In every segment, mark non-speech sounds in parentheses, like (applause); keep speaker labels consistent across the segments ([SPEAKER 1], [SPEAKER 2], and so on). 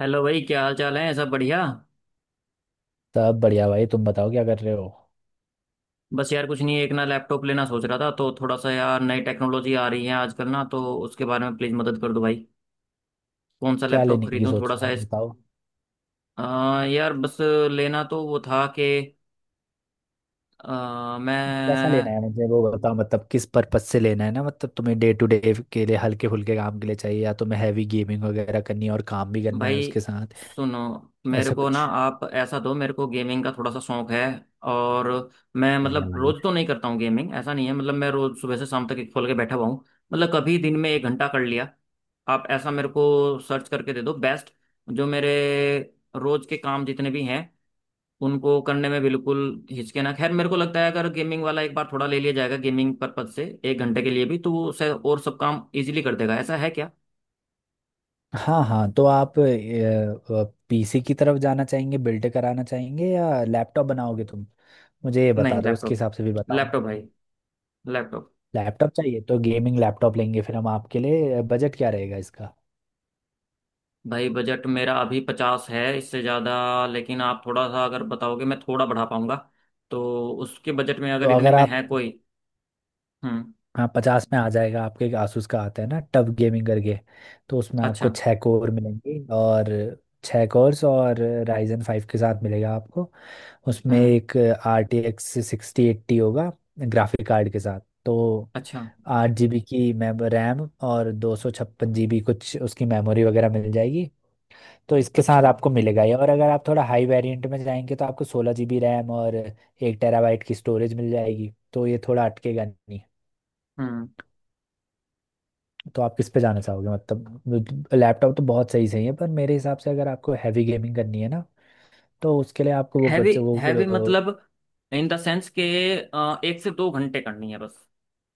[SPEAKER 1] Hello भाई, क्या हाल चाल है? सब बढ़िया।
[SPEAKER 2] सब बढ़िया भाई। तुम बताओ क्या कर रहे हो?
[SPEAKER 1] बस यार कुछ नहीं, एक ना लैपटॉप लेना सोच रहा था तो थोड़ा सा यार नई टेक्नोलॉजी आ रही है आजकल ना, तो उसके बारे में प्लीज़ मदद कर दो भाई। कौन सा
[SPEAKER 2] क्या
[SPEAKER 1] लैपटॉप
[SPEAKER 2] लेने की
[SPEAKER 1] खरीदूं,
[SPEAKER 2] सोच
[SPEAKER 1] थोड़ा
[SPEAKER 2] रहे हो
[SPEAKER 1] सा
[SPEAKER 2] यार, बताओ।
[SPEAKER 1] यार बस। लेना तो वो था कि
[SPEAKER 2] कैसा लेना
[SPEAKER 1] मैं।
[SPEAKER 2] है मुझे वो बताओ, मतलब किस पर्पज से लेना है ना, मतलब तुम्हें डे टू डे के लिए हल्के फुल्के काम के लिए चाहिए या तुम्हें हैवी गेमिंग वगैरह करनी है और काम भी करना है
[SPEAKER 1] भाई
[SPEAKER 2] उसके साथ?
[SPEAKER 1] सुनो, मेरे
[SPEAKER 2] ऐसा
[SPEAKER 1] को ना
[SPEAKER 2] कुछ।
[SPEAKER 1] आप ऐसा दो, मेरे को गेमिंग का थोड़ा सा शौक है। और मैं
[SPEAKER 2] बढ़िया
[SPEAKER 1] मतलब
[SPEAKER 2] भाई।
[SPEAKER 1] रोज तो नहीं करता हूँ गेमिंग, ऐसा नहीं है मतलब मैं रोज सुबह से शाम तक एक खोल के बैठा हुआ हूँ। मतलब कभी दिन में एक घंटा कर लिया। आप ऐसा मेरे को सर्च करके दे दो बेस्ट, जो मेरे रोज के काम जितने भी हैं उनको करने में बिल्कुल हिचके ना। खैर मेरे को लगता है अगर गेमिंग वाला एक बार थोड़ा ले लिया जाएगा गेमिंग पर्पज से एक घंटे के लिए भी, तो वो शायद और सब काम इजीली कर देगा। ऐसा है क्या?
[SPEAKER 2] हाँ हाँ, तो आप पीसी की तरफ जाना चाहेंगे, बिल्ड कराना चाहेंगे या लैपटॉप बनाओगे तुम? मुझे ये
[SPEAKER 1] नहीं,
[SPEAKER 2] बता दो, उसके
[SPEAKER 1] लैपटॉप
[SPEAKER 2] हिसाब से भी
[SPEAKER 1] लैपटॉप
[SPEAKER 2] बताऊंगा।
[SPEAKER 1] भाई, लैपटॉप।
[SPEAKER 2] लैपटॉप चाहिए तो गेमिंग लैपटॉप लेंगे फिर हम आपके लिए, बजट क्या रहेगा इसका?
[SPEAKER 1] भाई बजट मेरा अभी 50 है, इससे ज़्यादा लेकिन आप थोड़ा सा अगर बताओगे मैं थोड़ा बढ़ा पाऊंगा। तो उसके बजट में
[SPEAKER 2] तो
[SPEAKER 1] अगर इतने
[SPEAKER 2] अगर
[SPEAKER 1] में
[SPEAKER 2] आप,
[SPEAKER 1] है कोई। हम्म।
[SPEAKER 2] हाँ, पचास में आ जाएगा आपके, एक आसूस का आता है ना टफ गेमिंग करके। तो उसमें आपको
[SPEAKER 1] अच्छा।
[SPEAKER 2] छः कोर मिलेंगे, और छः कोर्स और राइजन फाइव के साथ मिलेगा आपको। उसमें
[SPEAKER 1] हम्म।
[SPEAKER 2] एक R T X sixty eighty होगा ग्राफिक कार्ड के साथ। तो
[SPEAKER 1] अच्छा।
[SPEAKER 2] 8 GB की मेम रैम और 256 GB कुछ उसकी मेमोरी वगैरह मिल जाएगी। तो इसके साथ
[SPEAKER 1] अच्छा।
[SPEAKER 2] आपको मिलेगा ये, और अगर आप थोड़ा हाई वेरिएंट में जाएंगे तो आपको 16 GB रैम और 1 TB की स्टोरेज मिल जाएगी, तो ये थोड़ा अटकेगा नहीं।
[SPEAKER 1] हम्म।
[SPEAKER 2] तो आप किस पे जाना चाहोगे? मतलब लैपटॉप तो बहुत सही सही है, पर मेरे हिसाब से अगर आपको हैवी गेमिंग करनी है ना, तो उसके लिए आपको वो
[SPEAKER 1] हैवी?
[SPEAKER 2] बच्चे वो
[SPEAKER 1] हैवी
[SPEAKER 2] अ,
[SPEAKER 1] मतलब इन द सेंस के एक से दो घंटे करनी है बस।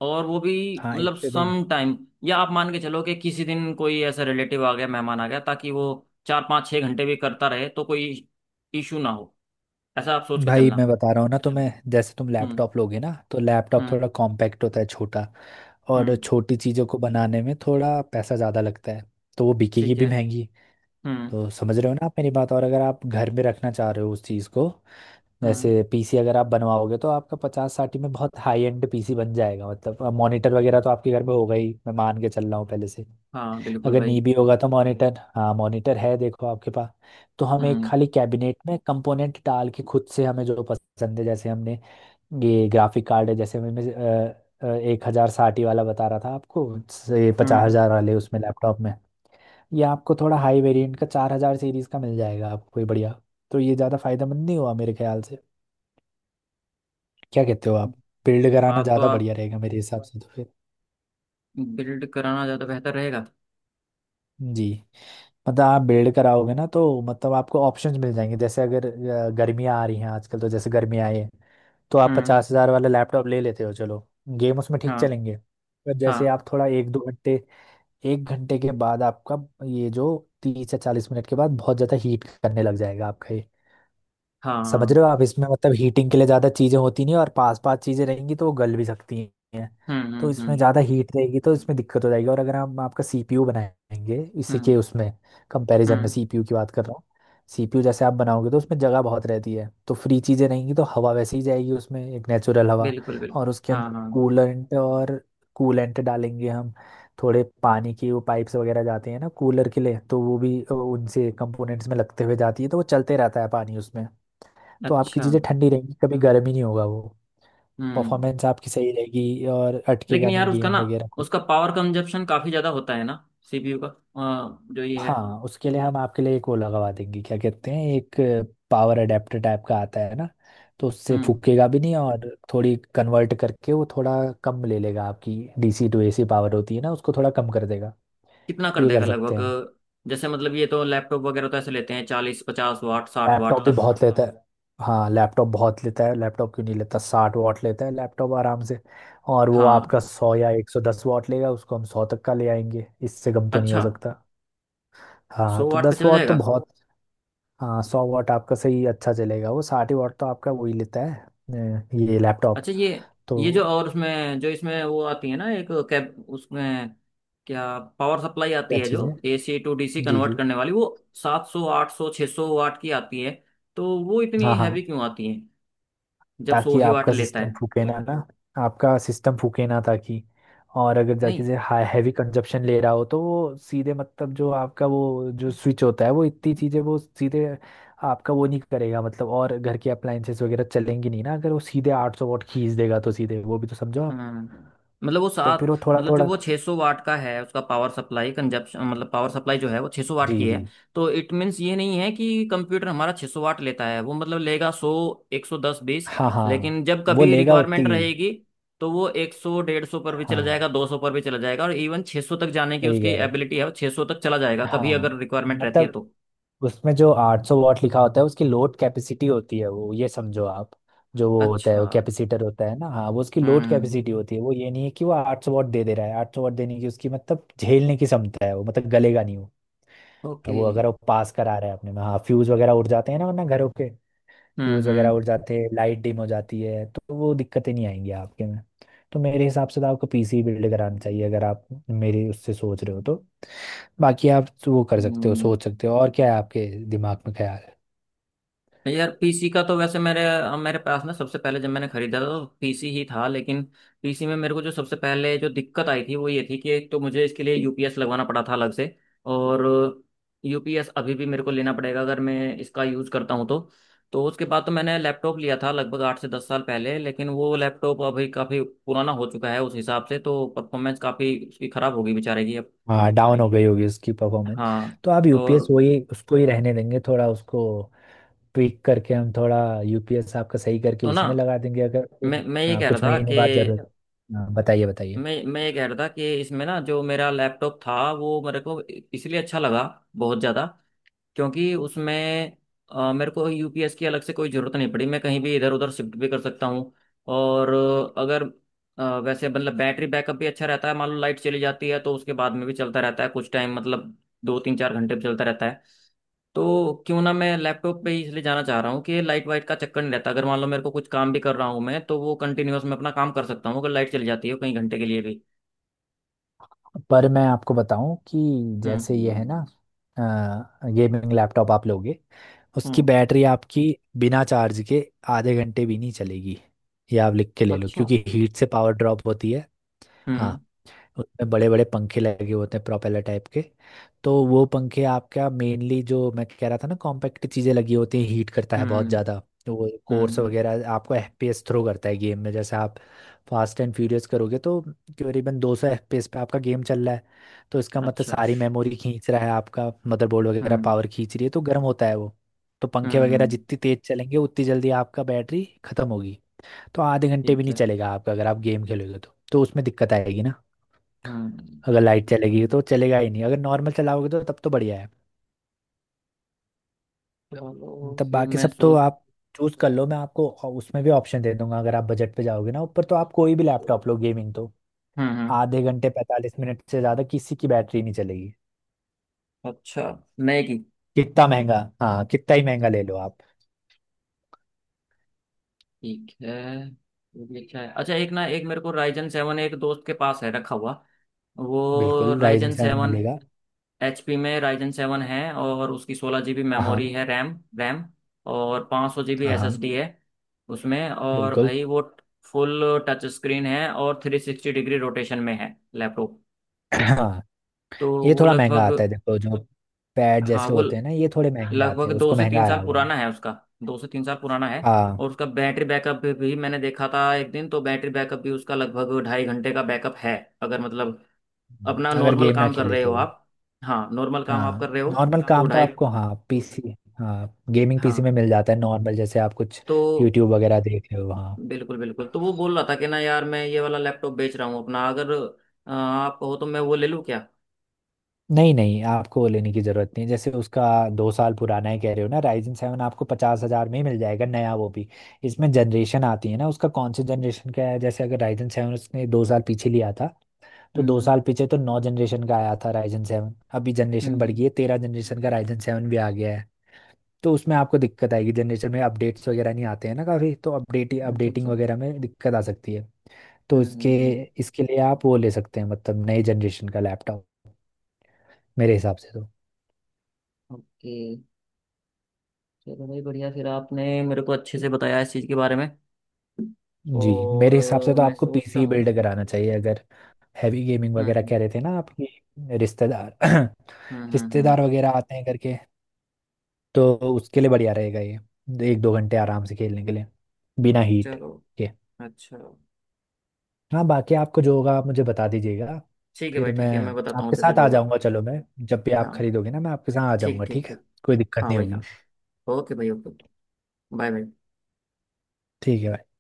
[SPEAKER 1] और वो भी
[SPEAKER 2] हाँ एक
[SPEAKER 1] मतलब
[SPEAKER 2] से तो।
[SPEAKER 1] Some time. या आप मान के चलो कि किसी दिन कोई ऐसा रिलेटिव आ गया, मेहमान आ गया, ताकि वो चार पाँच छः घंटे भी करता रहे तो कोई इशू ना हो, ऐसा आप सोच के
[SPEAKER 2] भाई मैं
[SPEAKER 1] चलना।
[SPEAKER 2] बता रहा हूँ ना, तो मैं जैसे तुम
[SPEAKER 1] हम्म।
[SPEAKER 2] लैपटॉप लोगे ना, तो लैपटॉप
[SPEAKER 1] हम्म।
[SPEAKER 2] थोड़ा कॉम्पैक्ट होता है, छोटा। और
[SPEAKER 1] हम्म।
[SPEAKER 2] छोटी चीज़ों को बनाने में थोड़ा पैसा ज़्यादा लगता है, तो वो बिकेगी
[SPEAKER 1] ठीक है।
[SPEAKER 2] भी महंगी।
[SPEAKER 1] हम्म।
[SPEAKER 2] तो समझ रहे हो ना आप मेरी बात? और अगर आप घर में रखना चाह रहे हो उस चीज़ को,
[SPEAKER 1] हम्म।
[SPEAKER 2] जैसे पीसी अगर आप बनवाओगे तो आपका पचास साठ में बहुत हाई एंड पीसी बन जाएगा, मतलब मॉनिटर वगैरह तो आपके घर में होगा ही, मैं मान के चल रहा हूँ पहले से।
[SPEAKER 1] हाँ बिल्कुल
[SPEAKER 2] अगर
[SPEAKER 1] भाई।
[SPEAKER 2] नहीं भी होगा तो मॉनिटर, हाँ, मॉनिटर है देखो आपके पास। तो हम एक
[SPEAKER 1] हम्म।
[SPEAKER 2] खाली कैबिनेट में कंपोनेंट डाल के खुद से, हमें जो पसंद है, जैसे हमने ये ग्राफिक कार्ड है, जैसे हमें एक हजार साठ वाला बता रहा था आपको, से पचास
[SPEAKER 1] हम्म।
[SPEAKER 2] हजार वाले उसमें लैपटॉप में। ये आपको थोड़ा हाई वेरिएंट का चार हजार सीरीज का मिल जाएगा आपको, ये बढ़िया। तो ये ज़्यादा फायदेमंद नहीं हुआ मेरे ख्याल से। क्या कहते हो आप? बिल्ड कराना
[SPEAKER 1] बात तो
[SPEAKER 2] ज़्यादा
[SPEAKER 1] आप।
[SPEAKER 2] बढ़िया रहेगा मेरे हिसाब से तो फिर।
[SPEAKER 1] बिल्ड कराना ज़्यादा बेहतर रहेगा।
[SPEAKER 2] जी। मतलब आप बिल्ड कराओगे ना, तो मतलब आपको ऑप्शंस मिल जाएंगे, जैसे अगर गर्मियाँ आ रही हैं आजकल, तो जैसे गर्मियाँ आई है तो आप
[SPEAKER 1] हम्म।
[SPEAKER 2] पचास हज़ार वाला लैपटॉप ले लेते हो चलो, गेम उसमें ठीक
[SPEAKER 1] हाँ।
[SPEAKER 2] चलेंगे। पर जैसे
[SPEAKER 1] हाँ।
[SPEAKER 2] आप थोड़ा एक दो घंटे, एक घंटे के बाद आपका ये जो, 30 या 40 मिनट के बाद बहुत ज़्यादा हीट करने लग जाएगा आपका ये।
[SPEAKER 1] हाँ।
[SPEAKER 2] समझ
[SPEAKER 1] हाँ।
[SPEAKER 2] रहे हो आप इसमें? मतलब हीटिंग के लिए ज़्यादा चीज़ें होती नहीं और पास पास चीज़ें रहेंगी तो वो गल भी सकती हैं।
[SPEAKER 1] हम्म।
[SPEAKER 2] तो
[SPEAKER 1] हम्म।
[SPEAKER 2] इसमें
[SPEAKER 1] हम्म।
[SPEAKER 2] ज़्यादा हीट रहेगी तो इसमें दिक्कत हो जाएगी, और अगर हम आपका सीपीयू बनाएंगे इसी के,
[SPEAKER 1] हम्म।
[SPEAKER 2] उसमें कंपैरिजन में
[SPEAKER 1] हम्म।
[SPEAKER 2] सीपीयू की बात कर रहा हूँ। सीपीयू जैसे आप बनाओगे तो उसमें जगह बहुत रहती है, तो फ्री चीज़ें रहेंगी, तो हवा वैसे ही जाएगी उसमें, एक नेचुरल हवा।
[SPEAKER 1] बिल्कुल बिल्कुल।
[SPEAKER 2] और उसके
[SPEAKER 1] हाँ
[SPEAKER 2] अंदर
[SPEAKER 1] हाँ।
[SPEAKER 2] कूलेंट और कूलेंट डालेंगे हम, थोड़े पानी की वो पाइप्स वगैरह जाते हैं ना कूलर के लिए, तो वो भी उनसे कंपोनेंट्स में लगते हुए जाती है, तो वो चलते रहता है पानी उसमें। तो आपकी
[SPEAKER 1] अच्छा।
[SPEAKER 2] चीज़ें ठंडी रहेंगी, कभी गर्म ही नहीं होगा वो।
[SPEAKER 1] हम्म।
[SPEAKER 2] परफॉर्मेंस आपकी सही रहेगी और
[SPEAKER 1] लेकिन
[SPEAKER 2] अटकेगा
[SPEAKER 1] यार
[SPEAKER 2] नहीं
[SPEAKER 1] उसका
[SPEAKER 2] गेम
[SPEAKER 1] ना,
[SPEAKER 2] वगैरह।
[SPEAKER 1] उसका पावर कंजप्शन काफ़ी ज़्यादा होता है ना, CPU का। जो ये है।
[SPEAKER 2] हाँ, उसके लिए हम आपके लिए एक वो लगवा देंगे, क्या कहते हैं, एक पावर अडेप्टर टाइप का आता है ना। तो उससे
[SPEAKER 1] हम्म।
[SPEAKER 2] फूकेगा भी नहीं, और थोड़ी कन्वर्ट करके वो थोड़ा कम ले लेगा। आपकी डीसी टू एसी पावर होती है ना, उसको थोड़ा कम कर देगा,
[SPEAKER 1] कितना कर
[SPEAKER 2] ये
[SPEAKER 1] देगा
[SPEAKER 2] कर सकते
[SPEAKER 1] लगभग?
[SPEAKER 2] हैं हम।
[SPEAKER 1] जैसे मतलब ये तो लैपटॉप वगैरह तो ऐसे लेते हैं 40 50 वाट, साठ
[SPEAKER 2] लैपटॉप
[SPEAKER 1] वाट
[SPEAKER 2] भी काम
[SPEAKER 1] तक।
[SPEAKER 2] बहुत, हाँ, लेता है। हाँ लैपटॉप बहुत लेता है, लैपटॉप क्यों नहीं लेता? 60 वॉट लेता है लैपटॉप आराम से। और वो
[SPEAKER 1] हाँ।
[SPEAKER 2] आपका सौ या 110 वॉट लेगा, उसको हम सौ तक का ले आएंगे, इससे कम तो नहीं हो
[SPEAKER 1] अच्छा।
[SPEAKER 2] सकता। हाँ
[SPEAKER 1] सौ
[SPEAKER 2] तो
[SPEAKER 1] वाट पे
[SPEAKER 2] दस
[SPEAKER 1] चल
[SPEAKER 2] वॉट तो
[SPEAKER 1] जाएगा।
[SPEAKER 2] बहुत। हाँ, 100 वॉट आपका सही अच्छा चलेगा। वो 60 वॉट तो आपका वही लेता है ये लैपटॉप।
[SPEAKER 1] अच्छा। ये। ये जो
[SPEAKER 2] तो
[SPEAKER 1] और उसमें जो इसमें वो आती है ना एक कैब, उसमें क्या पावर सप्लाई आती
[SPEAKER 2] क्या
[SPEAKER 1] है
[SPEAKER 2] चीज़
[SPEAKER 1] जो
[SPEAKER 2] है?
[SPEAKER 1] AC to DC
[SPEAKER 2] ji
[SPEAKER 1] convert
[SPEAKER 2] जी।
[SPEAKER 1] करने वाली वो? 700 800 600 वाट की आती है, तो वो इतनी
[SPEAKER 2] हाँ
[SPEAKER 1] हैवी
[SPEAKER 2] हाँ,
[SPEAKER 1] क्यों आती है जब सौ
[SPEAKER 2] ताकि
[SPEAKER 1] ही वाट
[SPEAKER 2] आपका
[SPEAKER 1] लेता
[SPEAKER 2] सिस्टम
[SPEAKER 1] है?
[SPEAKER 2] फूके ना ना, आपका सिस्टम फूके ना, ताकि और अगर जाके
[SPEAKER 1] नहीं।
[SPEAKER 2] से हाई हैवी कंजप्शन ले रहा हो तो वो सीधे, मतलब जो आपका वो जो स्विच होता है वो इतनी चीज़ें वो सीधे आपका वो नहीं करेगा, मतलब और घर के अप्लाइंसेस वगैरह चलेंगी नहीं ना, अगर वो सीधे 800 वॉट खींच देगा तो सीधे वो भी तो समझो आप।
[SPEAKER 1] हम्म। मतलब वो
[SPEAKER 2] तो
[SPEAKER 1] सात।
[SPEAKER 2] फिर वो थोड़ा
[SPEAKER 1] मतलब जो
[SPEAKER 2] थोड़ा।
[SPEAKER 1] वो 600 सौ वाट का है, उसका पावर सप्लाई कंजप्शन मतलब पावर सप्लाई जो है वो 600 वाट
[SPEAKER 2] जी
[SPEAKER 1] की
[SPEAKER 2] जी,
[SPEAKER 1] है। तो इट मीन्स ये नहीं है कि कंप्यूटर हमारा 600 वाट लेता है। वो मतलब लेगा 100, 110, 20,
[SPEAKER 2] हाँ हाँ,
[SPEAKER 1] लेकिन जब
[SPEAKER 2] वो
[SPEAKER 1] कभी
[SPEAKER 2] लेगा
[SPEAKER 1] रिक्वायरमेंट
[SPEAKER 2] उतनी।
[SPEAKER 1] रहेगी तो वो 100, 150 पर भी चला
[SPEAKER 2] हाँ
[SPEAKER 1] जाएगा, 200 पर भी चला जाएगा, और इवन 600 तक जाने की
[SPEAKER 2] सही
[SPEAKER 1] उसकी
[SPEAKER 2] कह रहे हो।
[SPEAKER 1] एबिलिटी है, वो 600 तक चला जाएगा कभी अगर
[SPEAKER 2] हाँ,
[SPEAKER 1] रिक्वायरमेंट रहती है
[SPEAKER 2] मतलब
[SPEAKER 1] तो।
[SPEAKER 2] उसमें जो 800 वॉट लिखा होता है उसकी लोड कैपेसिटी होती है वो, ये समझो आप। जो वो होता है
[SPEAKER 1] अच्छा।
[SPEAKER 2] वो कैपेसिटर होता है ना, हाँ, वो उसकी लोड
[SPEAKER 1] हम्म।
[SPEAKER 2] कैपेसिटी होती है वो, ये नहीं है कि वो 800 वॉट दे दे रहा है, 800 वॉट देने की उसकी मतलब झेलने की क्षमता है वो, मतलब गलेगा नहीं वो।
[SPEAKER 1] ओके।
[SPEAKER 2] वो अगर वो पास करा रहा है अपने में, हाँ, फ्यूज वगैरह उड़ जाते हैं ना, वरना घरों के
[SPEAKER 1] हम्म।
[SPEAKER 2] फ्यूज वगैरह
[SPEAKER 1] हम्म।
[SPEAKER 2] उड़ जाते हैं, लाइट डिम हो जाती है, तो वो दिक्कतें नहीं आएंगी आपके में। तो मेरे हिसाब से तो आपको पीसी बिल्ड कराना चाहिए अगर आप मेरी, उससे सोच रहे हो तो। बाकी आप वो कर सकते हो,
[SPEAKER 1] हम्म।
[SPEAKER 2] सोच सकते हो, और क्या है आपके दिमाग में ख्याल।
[SPEAKER 1] यार पीसी का तो वैसे मेरे मेरे पास ना सबसे पहले जब मैंने खरीदा था तो पीसी ही था, लेकिन पीसी में मेरे को जो सबसे पहले जो दिक्कत आई थी वो ये थी कि एक तो मुझे इसके लिए UPS लगवाना पड़ा था अलग से। और UPS अभी भी मेरे को लेना पड़ेगा अगर मैं इसका यूज़ करता हूँ तो। तो उसके बाद तो मैंने लैपटॉप लिया था लगभग 8 से 10 साल पहले, लेकिन वो लैपटॉप अभी काफ़ी पुराना हो चुका है, उस हिसाब से तो परफॉर्मेंस काफ़ी उसकी ख़राब होगी बेचारे की अब।
[SPEAKER 2] हाँ, डाउन हो गई होगी उसकी परफॉर्मेंस।
[SPEAKER 1] हाँ।
[SPEAKER 2] तो आप यूपीएस
[SPEAKER 1] और
[SPEAKER 2] वही उसको ही रहने देंगे, थोड़ा उसको ट्विक करके हम थोड़ा, यूपीएस आपका सही करके
[SPEAKER 1] तो ना
[SPEAKER 2] उसी में लगा देंगे अगर फिर।
[SPEAKER 1] मैं ये
[SPEAKER 2] हाँ,
[SPEAKER 1] कह रहा
[SPEAKER 2] कुछ
[SPEAKER 1] था
[SPEAKER 2] महीने
[SPEAKER 1] कि।
[SPEAKER 2] बाद जरूर। हाँ, बताइए बताइए।
[SPEAKER 1] मैं ये कह रहा था कि इसमें ना जो मेरा लैपटॉप था वो मेरे को इसलिए अच्छा लगा बहुत ज़्यादा, क्योंकि उसमें मेरे को UPS की अलग से कोई ज़रूरत नहीं पड़ी। मैं कहीं भी इधर उधर शिफ्ट भी कर सकता हूँ। और अगर वैसे मतलब बैटरी बैकअप भी अच्छा रहता है। मान लो लाइट चली जाती है तो उसके बाद में भी चलता रहता है कुछ टाइम, मतलब दो तीन चार घंटे भी चलता रहता है। तो क्यों ना मैं लैपटॉप पे ही इसलिए जाना चाह रहा हूँ कि लाइट वाइट का चक्कर नहीं रहता। अगर मान लो मेरे को कुछ काम भी कर रहा हूँ मैं, तो वो कंटिन्यूअस मैं अपना काम कर सकता हूँ अगर लाइट चली जाती है कई घंटे के लिए भी।
[SPEAKER 2] पर मैं आपको बताऊं कि
[SPEAKER 1] हम्म।
[SPEAKER 2] जैसे ये है ना, गेमिंग लैपटॉप आप लोगे, उसकी
[SPEAKER 1] हम्म।
[SPEAKER 2] बैटरी आपकी बिना चार्ज के आधे घंटे भी नहीं चलेगी, ये आप लिख के ले लो,
[SPEAKER 1] अच्छा।
[SPEAKER 2] क्योंकि हीट से पावर ड्रॉप होती है। हाँ,
[SPEAKER 1] हम्म।
[SPEAKER 2] उसमें बड़े बड़े पंखे लगे होते हैं प्रोपेलर टाइप के। तो वो पंखे आपका मेनली, जो मैं कह रहा था ना, कॉम्पैक्ट चीज़ें लगी होती हैं, हीट करता है बहुत
[SPEAKER 1] हम्म।
[SPEAKER 2] ज़्यादा। तो वो कोर्स
[SPEAKER 1] हम्म।
[SPEAKER 2] वगैरह आपको एफपीएस थ्रो करता है गेम में, जैसे आप फास्ट एंड फ्यूरियस करोगे तो करीबन 200 एफपीएस पे आपका गेम चल रहा है। तो इसका मतलब
[SPEAKER 1] अच्छा।
[SPEAKER 2] सारी मेमोरी खींच रहा है आपका, मदरबोर्ड वगैरह
[SPEAKER 1] हम्म।
[SPEAKER 2] पावर खींच रही है, तो गर्म होता है वो। तो पंखे वगैरह
[SPEAKER 1] हम्म।
[SPEAKER 2] जितनी तेज चलेंगे उतनी जल्दी आपका बैटरी खत्म होगी। तो आधे घंटे भी
[SPEAKER 1] ठीक
[SPEAKER 2] नहीं
[SPEAKER 1] है।
[SPEAKER 2] चलेगा आपका अगर आप गेम खेलोगे तो उसमें दिक्कत आएगी।
[SPEAKER 1] हम्म।
[SPEAKER 2] अगर लाइट चलेगी तो चलेगा ही नहीं, अगर नॉर्मल चलाओगे तो तब तो बढ़िया है।
[SPEAKER 1] चलो
[SPEAKER 2] तब
[SPEAKER 1] फिर
[SPEAKER 2] बाकी
[SPEAKER 1] मैं
[SPEAKER 2] सब तो
[SPEAKER 1] सोच।
[SPEAKER 2] आप चूज कर लो, मैं आपको उसमें भी ऑप्शन दे दूंगा। अगर आप बजट पे जाओगे ना ऊपर, तो आप कोई भी
[SPEAKER 1] हम्म।
[SPEAKER 2] लैपटॉप लो, गेमिंग तो
[SPEAKER 1] हम्म।
[SPEAKER 2] आधे घंटे 45 मिनट से ज्यादा किसी की बैटरी नहीं चलेगी।
[SPEAKER 1] अच्छा। मैगी।
[SPEAKER 2] कितना महंगा, हाँ, कितना ही महंगा ले लो आप।
[SPEAKER 1] ठीक है। ये भी अच्छा है। अच्छा एक ना, एक मेरे को राइजन सेवन एक दोस्त के पास है रखा हुआ। वो
[SPEAKER 2] बिल्कुल राइजन
[SPEAKER 1] राइजन
[SPEAKER 2] सेवन
[SPEAKER 1] सेवन,
[SPEAKER 2] मिलेगा।
[SPEAKER 1] HP में राइजन सेवन है, और उसकी 16 GB
[SPEAKER 2] हाँ
[SPEAKER 1] मेमोरी
[SPEAKER 2] हाँ।
[SPEAKER 1] है, रैम रैम। और 500 GB
[SPEAKER 2] हाँ हाँ।
[SPEAKER 1] SSD है उसमें। और
[SPEAKER 2] बिल्कुल।
[SPEAKER 1] भाई वो फुल टच स्क्रीन है और 360 डिग्री रोटेशन में है लैपटॉप।
[SPEAKER 2] हाँ,
[SPEAKER 1] तो
[SPEAKER 2] ये
[SPEAKER 1] वो
[SPEAKER 2] थोड़ा महंगा आता
[SPEAKER 1] लगभग।
[SPEAKER 2] है देखो, जो पैड
[SPEAKER 1] हाँ
[SPEAKER 2] जैसे
[SPEAKER 1] वो
[SPEAKER 2] होते हैं ना, ये थोड़े महंगे आते
[SPEAKER 1] लगभग
[SPEAKER 2] हैं,
[SPEAKER 1] दो
[SPEAKER 2] उसको
[SPEAKER 1] से
[SPEAKER 2] महंगा
[SPEAKER 1] तीन साल
[SPEAKER 2] आया वो।
[SPEAKER 1] पुराना है उसका। दो से तीन साल पुराना है।
[SPEAKER 2] हाँ,
[SPEAKER 1] और उसका बैटरी बैकअप भी मैंने देखा था एक दिन, तो बैटरी बैकअप भी उसका लगभग 2.5 घंटे का बैकअप है। अगर मतलब अपना
[SPEAKER 2] अगर
[SPEAKER 1] नॉर्मल
[SPEAKER 2] गेम ना
[SPEAKER 1] काम कर
[SPEAKER 2] खेले
[SPEAKER 1] रहे हो
[SPEAKER 2] तो।
[SPEAKER 1] आप। हाँ नॉर्मल काम आप
[SPEAKER 2] हाँ,
[SPEAKER 1] कर रहे हो।
[SPEAKER 2] नॉर्मल काम
[SPEAKER 1] तो
[SPEAKER 2] काम तो
[SPEAKER 1] ढाई।
[SPEAKER 2] नहीं आपको होता, हाँ पीसी। हाँ, गेमिंग पीसी में
[SPEAKER 1] हाँ।
[SPEAKER 2] मिल जाता है नॉर्मल, जैसे आप कुछ
[SPEAKER 1] तो
[SPEAKER 2] यूट्यूब वगैरह देख रहे हो, हाँ।
[SPEAKER 1] बिल्कुल बिल्कुल। तो वो बोल रहा था कि ना यार मैं ये वाला लैपटॉप बेच रहा हूँ अपना, अगर आप कहो तो मैं वो ले लूँ क्या?
[SPEAKER 2] नहीं नहीं, आपको वो लेने की ज़रूरत नहीं है। जैसे उसका दो साल पुराना है कह रहे हो ना, राइजन सेवन आपको पचास हज़ार में ही मिल जाएगा नया वो भी। इसमें जनरेशन आती है ना, उसका कौन से जनरेशन का है, जैसे अगर राइजन सेवन उसने दो साल पीछे लिया था, तो दो
[SPEAKER 1] हम्म।
[SPEAKER 2] साल पीछे तो नौ जनरेशन का आया था राइजन सेवन। अभी
[SPEAKER 1] हम्म।
[SPEAKER 2] जनरेशन बढ़ गई
[SPEAKER 1] हम्म।
[SPEAKER 2] है, तेरह जनरेशन का राइजन सेवन भी आ गया है। तो उसमें आपको दिक्कत आएगी, जनरेशन में अपडेट्स वगैरह नहीं आते हैं ना काफ़ी, तो
[SPEAKER 1] अच्छा।
[SPEAKER 2] अपडेटिंग
[SPEAKER 1] अच्छा।
[SPEAKER 2] वगैरह में दिक्कत आ सकती है। तो
[SPEAKER 1] हम्म। हम्म।
[SPEAKER 2] इसके
[SPEAKER 1] हम्म।
[SPEAKER 2] इसके लिए आप वो ले सकते हैं, मतलब नए जनरेशन का लैपटॉप, मेरे हिसाब से तो।
[SPEAKER 1] ओके। चलो भाई बढ़िया, फिर आपने मेरे को अच्छे से बताया इस चीज़ के बारे में।
[SPEAKER 2] जी। मेरे
[SPEAKER 1] और
[SPEAKER 2] हिसाब से तो
[SPEAKER 1] मैं
[SPEAKER 2] आपको
[SPEAKER 1] सोचता
[SPEAKER 2] पीसी
[SPEAKER 1] हूँ।
[SPEAKER 2] बिल्ड कराना चाहिए अगर हैवी गेमिंग
[SPEAKER 1] हम्म।
[SPEAKER 2] वगैरह
[SPEAKER 1] हम्म।
[SPEAKER 2] कह रहे थे ना आपके रिश्तेदार,
[SPEAKER 1] हम्म।
[SPEAKER 2] (clears throat)
[SPEAKER 1] हम्म। हम्म।
[SPEAKER 2] रिश्तेदार वगैरह आते हैं करके, तो उसके लिए बढ़िया रहेगा ये, एक दो घंटे आराम से खेलने के लिए बिना हीट
[SPEAKER 1] चलो।
[SPEAKER 2] के।
[SPEAKER 1] अच्छा।
[SPEAKER 2] हाँ, बाकी आपको जो होगा आप मुझे बता दीजिएगा,
[SPEAKER 1] ठीक है
[SPEAKER 2] फिर
[SPEAKER 1] भाई,
[SPEAKER 2] मैं
[SPEAKER 1] ठीक है, मैं बताता हूँ
[SPEAKER 2] आपके
[SPEAKER 1] जैसे
[SPEAKER 2] साथ
[SPEAKER 1] भी
[SPEAKER 2] आ
[SPEAKER 1] होगा।
[SPEAKER 2] जाऊंगा। चलो मैं, जब भी आप
[SPEAKER 1] हाँ।
[SPEAKER 2] खरीदोगे ना मैं आपके साथ आ
[SPEAKER 1] ठीक
[SPEAKER 2] जाऊंगा,
[SPEAKER 1] ठीक
[SPEAKER 2] ठीक है,
[SPEAKER 1] ठीक।
[SPEAKER 2] कोई दिक्कत
[SPEAKER 1] हाँ
[SPEAKER 2] नहीं
[SPEAKER 1] भाई हाँ।
[SPEAKER 2] होगी।
[SPEAKER 1] ओके भाई ओके। Bye bye.
[SPEAKER 2] ठीक है भाई।